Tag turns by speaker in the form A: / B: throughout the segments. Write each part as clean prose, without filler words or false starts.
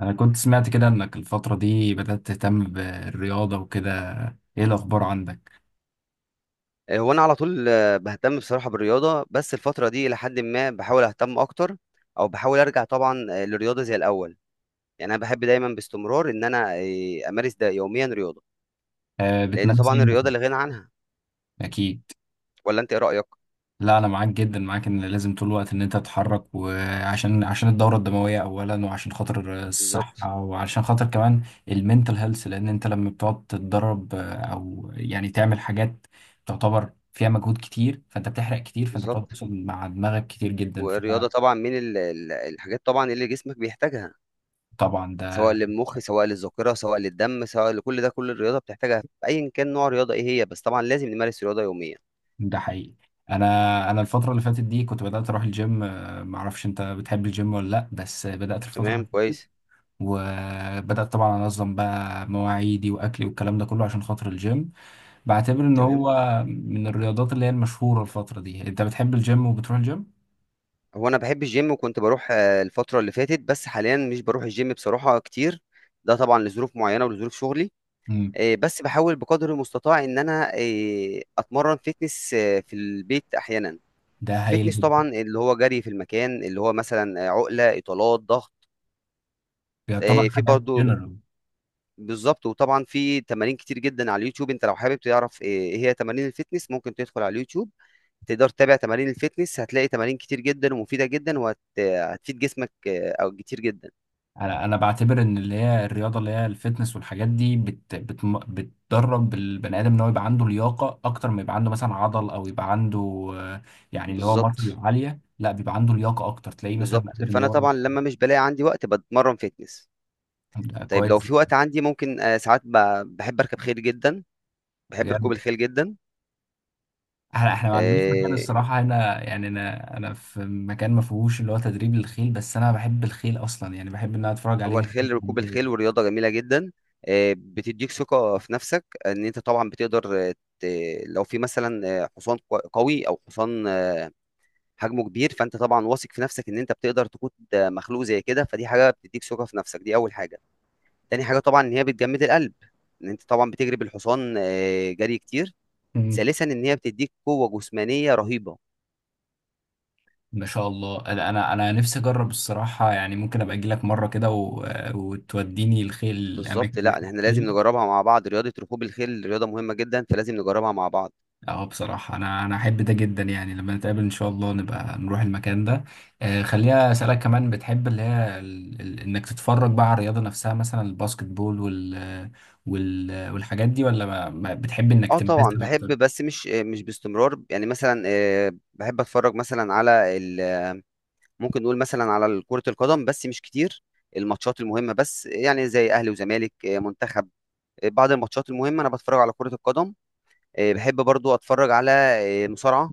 A: انا كنت سمعت كده انك الفترة دي بدأت تهتم بالرياضة وكده. ايه الاخبار عندك؟
B: هو انا على طول، بهتم بصراحه بالرياضه، بس الفتره دي الى حد ما بحاول اهتم اكتر، او بحاول ارجع طبعا للرياضه زي الاول. يعني انا بحب دايما باستمرار ان انا امارس ده يوميا رياضه، لان
A: بتمارس ايه
B: طبعا الرياضه
A: مثلا؟
B: لا غنى عنها.
A: اكيد.
B: ولا انت ايه رايك؟
A: لا، انا معاك جدا، ان لازم طول الوقت ان انت تتحرك، وعشان الدورة الدموية اولا، وعشان خاطر
B: بالظبط.
A: الصحة، وعشان خاطر كمان المنتل هيلث، لان انت لما بتقعد تتدرب، او يعني تعمل حاجات تعتبر فيها مجهود كتير، فانت بتحرق كتير، فانت بتقعد
B: بالظبط.
A: تتواصل مع دماغك كتير جدا.
B: والرياضه طبعا من الحاجات طبعا اللي جسمك بيحتاجها،
A: فطبعا
B: سواء
A: ده.
B: للمخ، سواء للذاكره، سواء للدم، سواء لكل ده. كل الرياضه بتحتاجها ايا كان نوع الرياضه ايه هي، بس طبعا لازم نمارس رياضه يوميا.
A: ده حقيقي. انا انا الفتره اللي فاتت دي كنت بدات اروح الجيم، ما اعرفش انت بتحب الجيم ولا لا، بس بدات الفتره اللي
B: تمام،
A: فاتت،
B: كويس.
A: وبدات طبعا انظم بقى مواعيدي واكلي والكلام ده كله عشان خاطر الجيم. بعتبر ان
B: تمام.
A: هو من الرياضات اللي هي المشهوره الفتره دي. انت بتحب الجيم وبتروح الجيم؟
B: هو انا بحب الجيم، وكنت بروح الفتره اللي فاتت، بس حاليا مش بروح الجيم بصراحه كتير. ده طبعا لظروف معينه ولظروف شغلي.
A: امم.
B: بس بحاول بقدر المستطاع ان انا اتمرن فيتنس في البيت احيانا.
A: ده هايل
B: فيتنس
A: جدا.
B: طبعا اللي هو جري في المكان، اللي هو مثلا عقله، اطالات، ضغط.
A: يعتبر
B: في
A: حاجات
B: برضو.
A: جنرال.
B: بالظبط. وطبعا في تمارين كتير جدا على اليوتيوب. انت لو حابب تعرف ايه هي تمارين الفيتنس، ممكن تدخل على اليوتيوب، تقدر تتابع تمارين الفيتنس، هتلاقي تمارين كتير جدا ومفيدة جدا، وهتفيد جسمك او كتير جدا.
A: انا بعتبر ان اللي هي الرياضه، اللي هي الفتنس والحاجات دي، بت بت بتدرب البني ادم ان هو يبقى عنده لياقه اكتر، ما يبقى عنده مثلا عضل، او يبقى عنده آه، يعني اللي هو
B: بالظبط.
A: ماسل عاليه. لا، بيبقى عنده لياقه اكتر، تلاقيه مثلا
B: بالظبط.
A: قادر ان
B: فانا
A: هو.
B: طبعا لما مش بلاقي عندي وقت بتمرن فيتنس.
A: ده
B: طيب لو
A: كويس.
B: في وقت عندي، ممكن ساعات بحب اركب خيل جدا، بحب ركوب
A: بجد؟
B: الخيل جدا.
A: احنا ما عندناش مكان
B: آه،
A: الصراحه هنا، يعني انا في مكان ما فيهوش اللي هو تدريب للخيل، بس انا بحب الخيل اصلا، يعني بحب ان انا اتفرج
B: هو
A: عليهم.
B: الخيل، ركوب الخيل، ورياضه جميله جدا. بتديك ثقه في نفسك، ان انت طبعا بتقدر لو في مثلا حصان قوي، او حصان حجمه كبير، فانت طبعا واثق في نفسك ان انت بتقدر تقود مخلوق زي كده، فدي حاجه بتديك ثقه في نفسك، دي اول حاجه. تاني حاجه طبعا ان هي بتجمد القلب، ان انت طبعا بتجري بالحصان جري كتير. ثالثا ان هي بتديك قوه جسمانيه رهيبه.
A: ما شاء الله. انا نفسي اجرب الصراحه، يعني ممكن ابقى اجي لك مره كده وتوديني الخيل، الاماكن
B: بالظبط.
A: اللي فيها
B: لا احنا لازم
A: الخيل.
B: نجربها مع بعض، رياضه ركوب الخيل رياضه مهمه جدا، فلازم نجربها مع بعض.
A: اه، بصراحه انا احب ده جدا، يعني لما نتقابل ان شاء الله نبقى نروح المكان ده. خليها، اسالك كمان، بتحب اللي هي انك تتفرج بقى على الرياضه نفسها، مثلا الباسكت بول والحاجات دي، ولا ما بتحب انك
B: اه طبعا
A: تمارسها
B: بحب،
A: اكتر؟
B: بس مش مش باستمرار. يعني مثلا بحب اتفرج مثلا على ممكن نقول مثلا على كره القدم، بس مش كتير، الماتشات المهمه بس، يعني زي اهلي وزمالك، منتخب. بعد الماتشات المهمه انا بتفرج على كره القدم. بحب برضو اتفرج على مصارعه،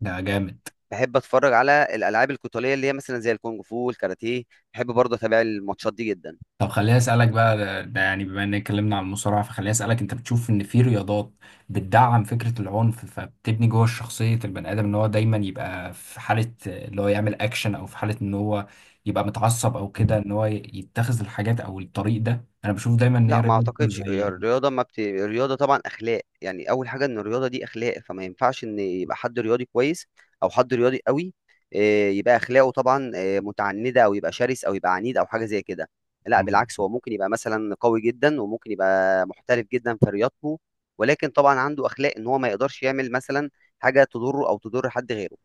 A: ده جامد.
B: بحب اتفرج على الالعاب القتاليه، اللي هي مثلا زي الكونغ فو والكاراتيه، بحب برضه اتابع الماتشات دي جدا.
A: طب خليني اسالك بقى. ده يعني بما ان اتكلمنا عن المصارعه، فخليني اسالك، انت بتشوف ان في رياضات بتدعم فكره العنف، فبتبني جوه شخصيه البني ادم ان هو دايما يبقى في حاله اللي هو يعمل اكشن، او في حاله ان هو يبقى متعصب او كده، ان هو يتخذ الحاجات او الطريق ده. انا بشوف دايما ان هي
B: لا ما
A: رياضه
B: اعتقدش. هي
A: زي
B: الرياضه ما بت... الرياضه طبعا اخلاق. يعني اول حاجه ان الرياضه دي اخلاق، فما ينفعش ان يبقى حد رياضي كويس او حد رياضي قوي يبقى اخلاقه طبعا متعنده، او يبقى شرس، او يبقى عنيد، او حاجه زي كده. لا بالعكس،
A: ال-
B: هو ممكن يبقى مثلا قوي جدا، وممكن يبقى محترف جدا في رياضته، ولكن طبعا عنده اخلاق، ان هو ما يقدرش يعمل مثلا حاجه تضره او تضر حد غيره.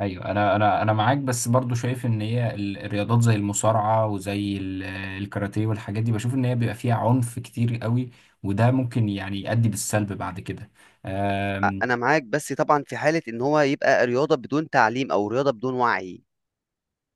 A: ايوه. انا معاك، بس برضو شايف ان هي الرياضات زي المصارعه وزي الكاراتيه والحاجات دي، بشوف ان هي بيبقى فيها عنف كتير قوي، وده ممكن يعني يؤدي بالسلب بعد كده. أم،
B: انا معاك، بس طبعا في حالة ان هو يبقى رياضة بدون تعليم، او رياضة بدون وعي.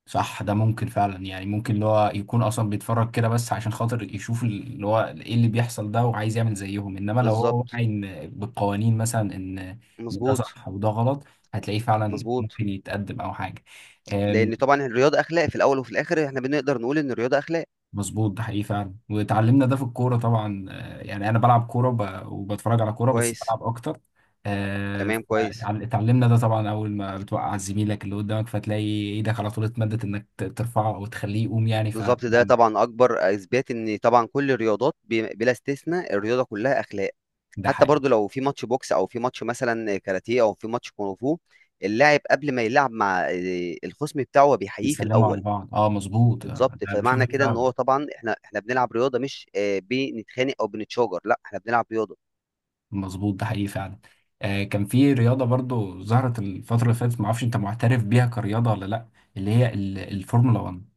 A: صح، ده ممكن فعلا. يعني ممكن اللي هو يكون اصلا بيتفرج كده بس عشان خاطر يشوف اللي هو ايه اللي بيحصل ده، وعايز يعمل زيهم. انما لو هو
B: بالظبط.
A: واعي بالقوانين، مثلا ان ده
B: مظبوط.
A: صح وده غلط، هتلاقيه فعلا
B: مظبوط.
A: ممكن يتقدم او حاجه. آمم،
B: لان طبعا الرياضة اخلاق، في الاول وفي الاخر احنا بنقدر نقول ان الرياضة اخلاق.
A: مظبوط. ده حقيقي فعلا. واتعلمنا ده في الكوره طبعا، يعني انا بلعب كوره وبتفرج على كوره، بس
B: كويس.
A: بلعب اكتر.
B: تمام. كويس.
A: اتعلمنا ده طبعا. اول ما بتوقع زميلك اللي قدامك، فتلاقي ايدك على طول اتمدت انك ترفعه او تخليه يقوم، يعني،
B: بالظبط. ده
A: فطبعا
B: طبعا اكبر اثبات ان طبعا كل الرياضات بلا استثناء، الرياضة كلها اخلاق.
A: ده
B: حتى
A: حقيقي.
B: برضو لو في ماتش بوكس، او في ماتش مثلا كاراتيه، او في ماتش كونغ فو، اللاعب قبل ما يلعب مع الخصم بتاعه، هو بيحييه في
A: بيسلموا على
B: الاول.
A: بعض، اه مظبوط.
B: بالظبط،
A: انا بشوف
B: فمعنى كده ان
A: فعلا.
B: هو طبعا، احنا بنلعب رياضه، مش بنتخانق او بنتشاجر، لا احنا بنلعب رياضه.
A: مظبوط ده حقيقي فعلا. كان في رياضه برضو ظهرت الفتره اللي فاتت، ما اعرفش انت معترف بيها كرياضه ولا لا. اللي هي الفورمولا 1.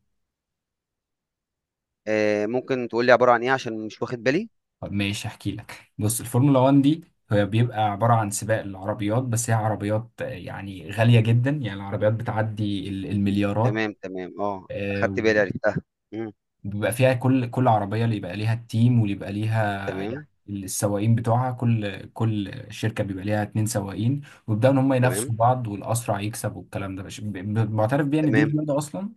B: ممكن تقول لي عباره عن ايه؟ عشان مش واخد بالي.
A: طب ماشي، احكي لك. بص، الفورمولا 1 دي هي بيبقى عبارة عن سباق العربيات، بس هي عربيات يعني غالية جدا، يعني العربيات بتعدي المليارات.
B: تمام، تمام، اه اخدت
A: آه،
B: بالي، عرفتها. مم.
A: وبيبقى فيها كل عربية اللي يبقى ليها التيم واللي يبقى ليها،
B: تمام.
A: يعني السواقين بتوعها. كل شركة بيبقى ليها اتنين سواقين، ويبدأوا إن هم
B: تمام.
A: ينافسوا بعض، والأسرع يكسب. والكلام ده مش معترف بيه إن دي
B: تمام.
A: رياضة أصلا.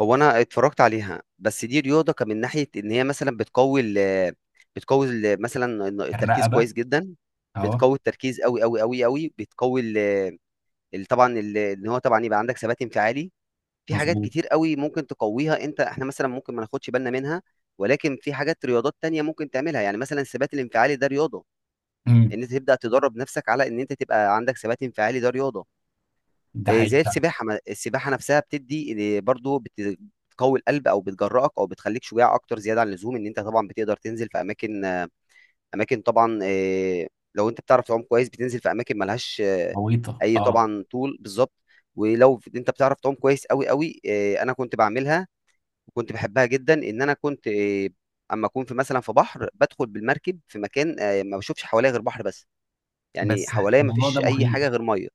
B: هو انا اتفرجت عليها، بس دي رياضه كان من ناحيه ان هي مثلا بتقوي ال، بتقوي ال مثلا التركيز
A: الرقبة.
B: كويس جدا.
A: أهو.
B: بتقوي التركيز قوي قوي قوي قوي، بتقوي طبعا ان هو طبعا يبقى عندك ثبات انفعالي. في حاجات
A: مظبوط.
B: كتير قوي ممكن تقويها انت، احنا مثلا ممكن ما ناخدش بالنا منها، ولكن في حاجات رياضات تانية ممكن تعملها، يعني مثلا الثبات الانفعالي ده رياضة،
A: مم.
B: ان انت تبدأ تدرب نفسك على ان انت تبقى عندك ثبات انفعالي، ده رياضة.
A: ده
B: إيه زي
A: حقيقة.
B: السباحة، السباحة نفسها بتدي إيه برضو، بتقوي القلب، او بتجرأك، او بتخليك شجاع اكتر زيادة عن اللزوم. ان انت طبعا بتقدر تنزل في اماكن، اماكن طبعا إيه، لو انت بتعرف تعوم كويس بتنزل في اماكن ملهاش
A: عويطة
B: اي،
A: أه.
B: طبعا، طول. بالظبط. ولو انت بتعرف تعوم كويس قوي قوي، انا كنت بعملها، وكنت بحبها جدا، ان انا كنت اما اكون في مثلا في بحر، بدخل بالمركب في مكان ما بشوفش حواليا غير بحر بس، يعني
A: بس
B: حواليا ما
A: الموضوع ده
B: فيش اي
A: مخيف.
B: حاجه غير ميه،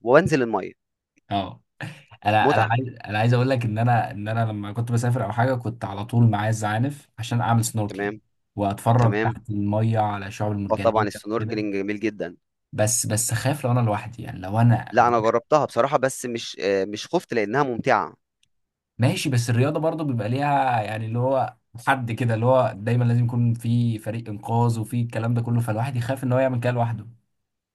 B: وانزل الميه.
A: اه،
B: متعه.
A: انا عايز اقول لك ان انا لما كنت بسافر او حاجه، كنت على طول معايا الزعانف عشان اعمل سنوركلينج،
B: تمام.
A: واتفرج
B: تمام.
A: تحت الميه على الشعاب
B: اه طبعا
A: المرجانيه وكده.
B: السنوركلينج جميل جدا.
A: بس اخاف لو انا لوحدي، يعني لو انا
B: لا انا
A: لوحدي.
B: جربتها بصراحه، بس مش مش خفت لانها ممتعه.
A: ماشي. بس الرياضه برضو بيبقى ليها يعني اللي هو حد كده اللي هو دايما لازم يكون في فريق انقاذ وفي الكلام ده كله، فالواحد يخاف ان هو يعمل كده لوحده.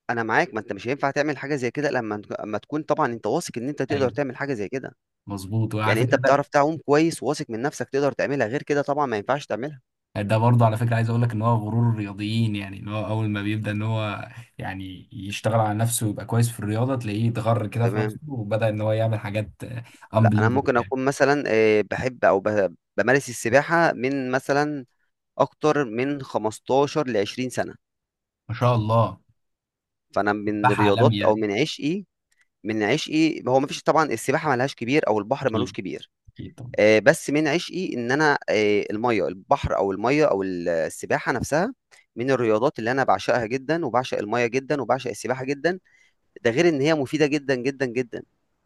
B: انا معاك، ما انت مش هينفع تعمل حاجه زي كده، لما اما تكون طبعا انت واثق ان انت تقدر
A: ايوه
B: تعمل حاجه زي كده.
A: مظبوط. وعلى
B: يعني انت
A: فكره.
B: بتعرف تعوم كويس، وواثق من نفسك تقدر تعملها، غير كده طبعا ما ينفعش تعملها.
A: ده برضه على فكرة عايز اقول لك ان هو غرور الرياضيين، يعني ان هو اول ما بيبدأ ان هو يعني يشتغل على نفسه ويبقى كويس في الرياضة، تلاقيه اتغر كده في نفسه،
B: تمام.
A: وبدأ ان هو يعمل حاجات
B: لا انا
A: unbelievable
B: ممكن
A: يعني.
B: اكون مثلا بحب او بمارس السباحه من مثلا اكتر من 15 ل 20 سنه.
A: ما شاء الله.
B: فانا من
A: سباح
B: الرياضات،
A: عالمي
B: او
A: يعني.
B: من عشقي، من عشقي، هو مفيش طبعا، السباحه ملهاش كبير، او البحر ملوش
A: اكيد،
B: كبير.
A: اكيد طبعا.
B: بس من عشقي ان انا الميه، البحر، او الميه، او السباحه نفسها من الرياضات اللي انا بعشقها جدا، وبعشق الميه جدا، وبعشق السباحه جدا. ده غير ان هي مفيده جدا جدا جدا.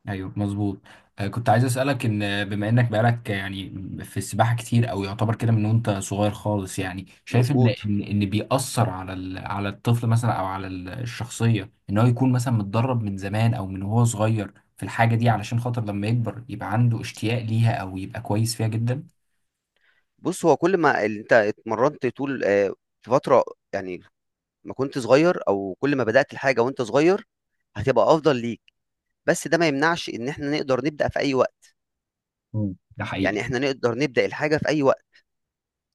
A: ايوه مظبوط. كنت عايز اسالك ان بما انك بقالك، يعني في السباحه كتير، او يعتبر كده من وانت صغير خالص، يعني شايف ان
B: مظبوط.
A: بيأثر على على الطفل مثلا، او على الشخصيه، ان هو يكون مثلا متدرب من زمان او من وهو صغير في الحاجه دي، علشان خاطر لما يكبر يبقى عنده اشتياق ليها او يبقى كويس فيها جدا.
B: بص هو كل ما انت اتمرنت طول في فتره، يعني ما كنت صغير، او كل ما بدأت الحاجة وانت صغير، هتبقى افضل ليك، بس ده ما يمنعش ان احنا نقدر نبدأ في اي وقت،
A: مم. ده حقيقي.
B: يعني احنا نقدر نبدأ الحاجة في اي وقت.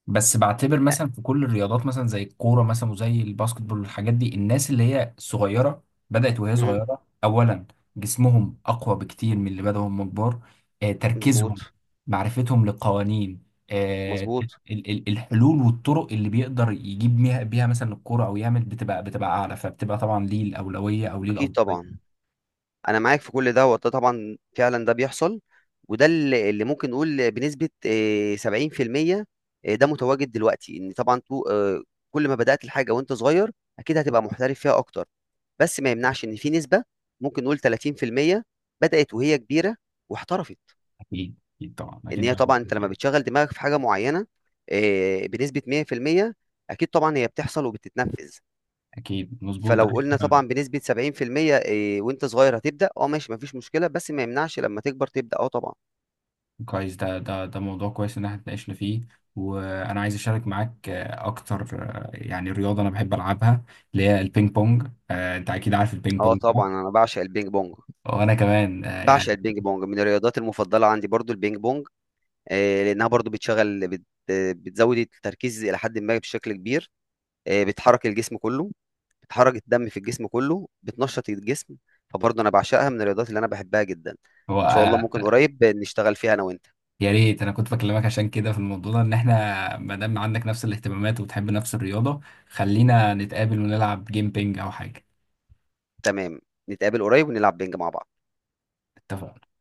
A: بس بعتبر
B: يعني.
A: مثلا في كل الرياضات، مثلا زي الكوره مثلا وزي الباسكت بول والحاجات دي، الناس اللي هي صغيره بدات وهي
B: مم.
A: صغيره اولا، جسمهم اقوى بكتير من اللي بدأوا هم كبار.
B: مظبوط.
A: تركيزهم، معرفتهم للقوانين، آه،
B: مظبوط.
A: ال- الحلول والطرق اللي بيقدر يجيب بيها مثلا الكوره او يعمل، بتبقى اعلى، فبتبقى طبعا ليه الاولويه او ليه
B: اكيد
A: الافضليه.
B: طبعا. انا معاك في كل ده، وده طبعا فعلا ده بيحصل، وده اللي ممكن نقول بنسبة 70% ده متواجد دلوقتي، ان طبعا تو آه، كل ما بدأت الحاجة وانت صغير، اكيد هتبقى محترف فيها اكتر، بس ما يمنعش ان في نسبة، ممكن نقول 30% بدأت وهي كبيرة واحترفت.
A: اكيد، اكيد طبعا،
B: ان
A: اكيد
B: هي
A: ده
B: طبعا،
A: موجود
B: انت لما
A: يعني.
B: بتشغل دماغك في حاجه معينه بنسبه 100%، اكيد طبعا هي بتحصل وبتتنفذ.
A: اكيد مظبوط ده
B: فلو قلنا
A: حقيقي.
B: طبعا بنسبه 70%، وانت صغير هتبدا، اه ماشي مفيش مشكله، بس ما يمنعش لما تكبر تبدا، اه طبعا.
A: كويس. ده موضوع كويس ان احنا اتناقشنا فيه، وانا عايز اشارك معاك اكتر. يعني رياضه انا بحب العبها، اللي هي البينج بونج. انت اكيد عارف البينج
B: اه
A: بونج ده.
B: طبعا انا بعشق البينج بونج،
A: وانا كمان،
B: بعشق
A: يعني.
B: البينج بونج، من الرياضات المفضله عندي برضو البينج بونج. لانها برضو بتشغل، بتزود التركيز الى حد ما بشكل كبير، بتحرك الجسم كله، بتحرك الدم في الجسم كله، بتنشط الجسم. فبرضه انا بعشقها من الرياضات اللي انا بحبها جدا. ان
A: هو
B: شاء الله
A: آه،
B: ممكن قريب نشتغل فيها انا وانت.
A: يا ريت انا كنت بكلمك عشان كده في الموضوع ده، ان احنا ما دام عندك نفس الاهتمامات وبتحب نفس الرياضه، خلينا نتقابل ونلعب جيم بينج او حاجه.
B: تمام. نتقابل قريب ونلعب بينج مع بعض.
A: اتفقنا.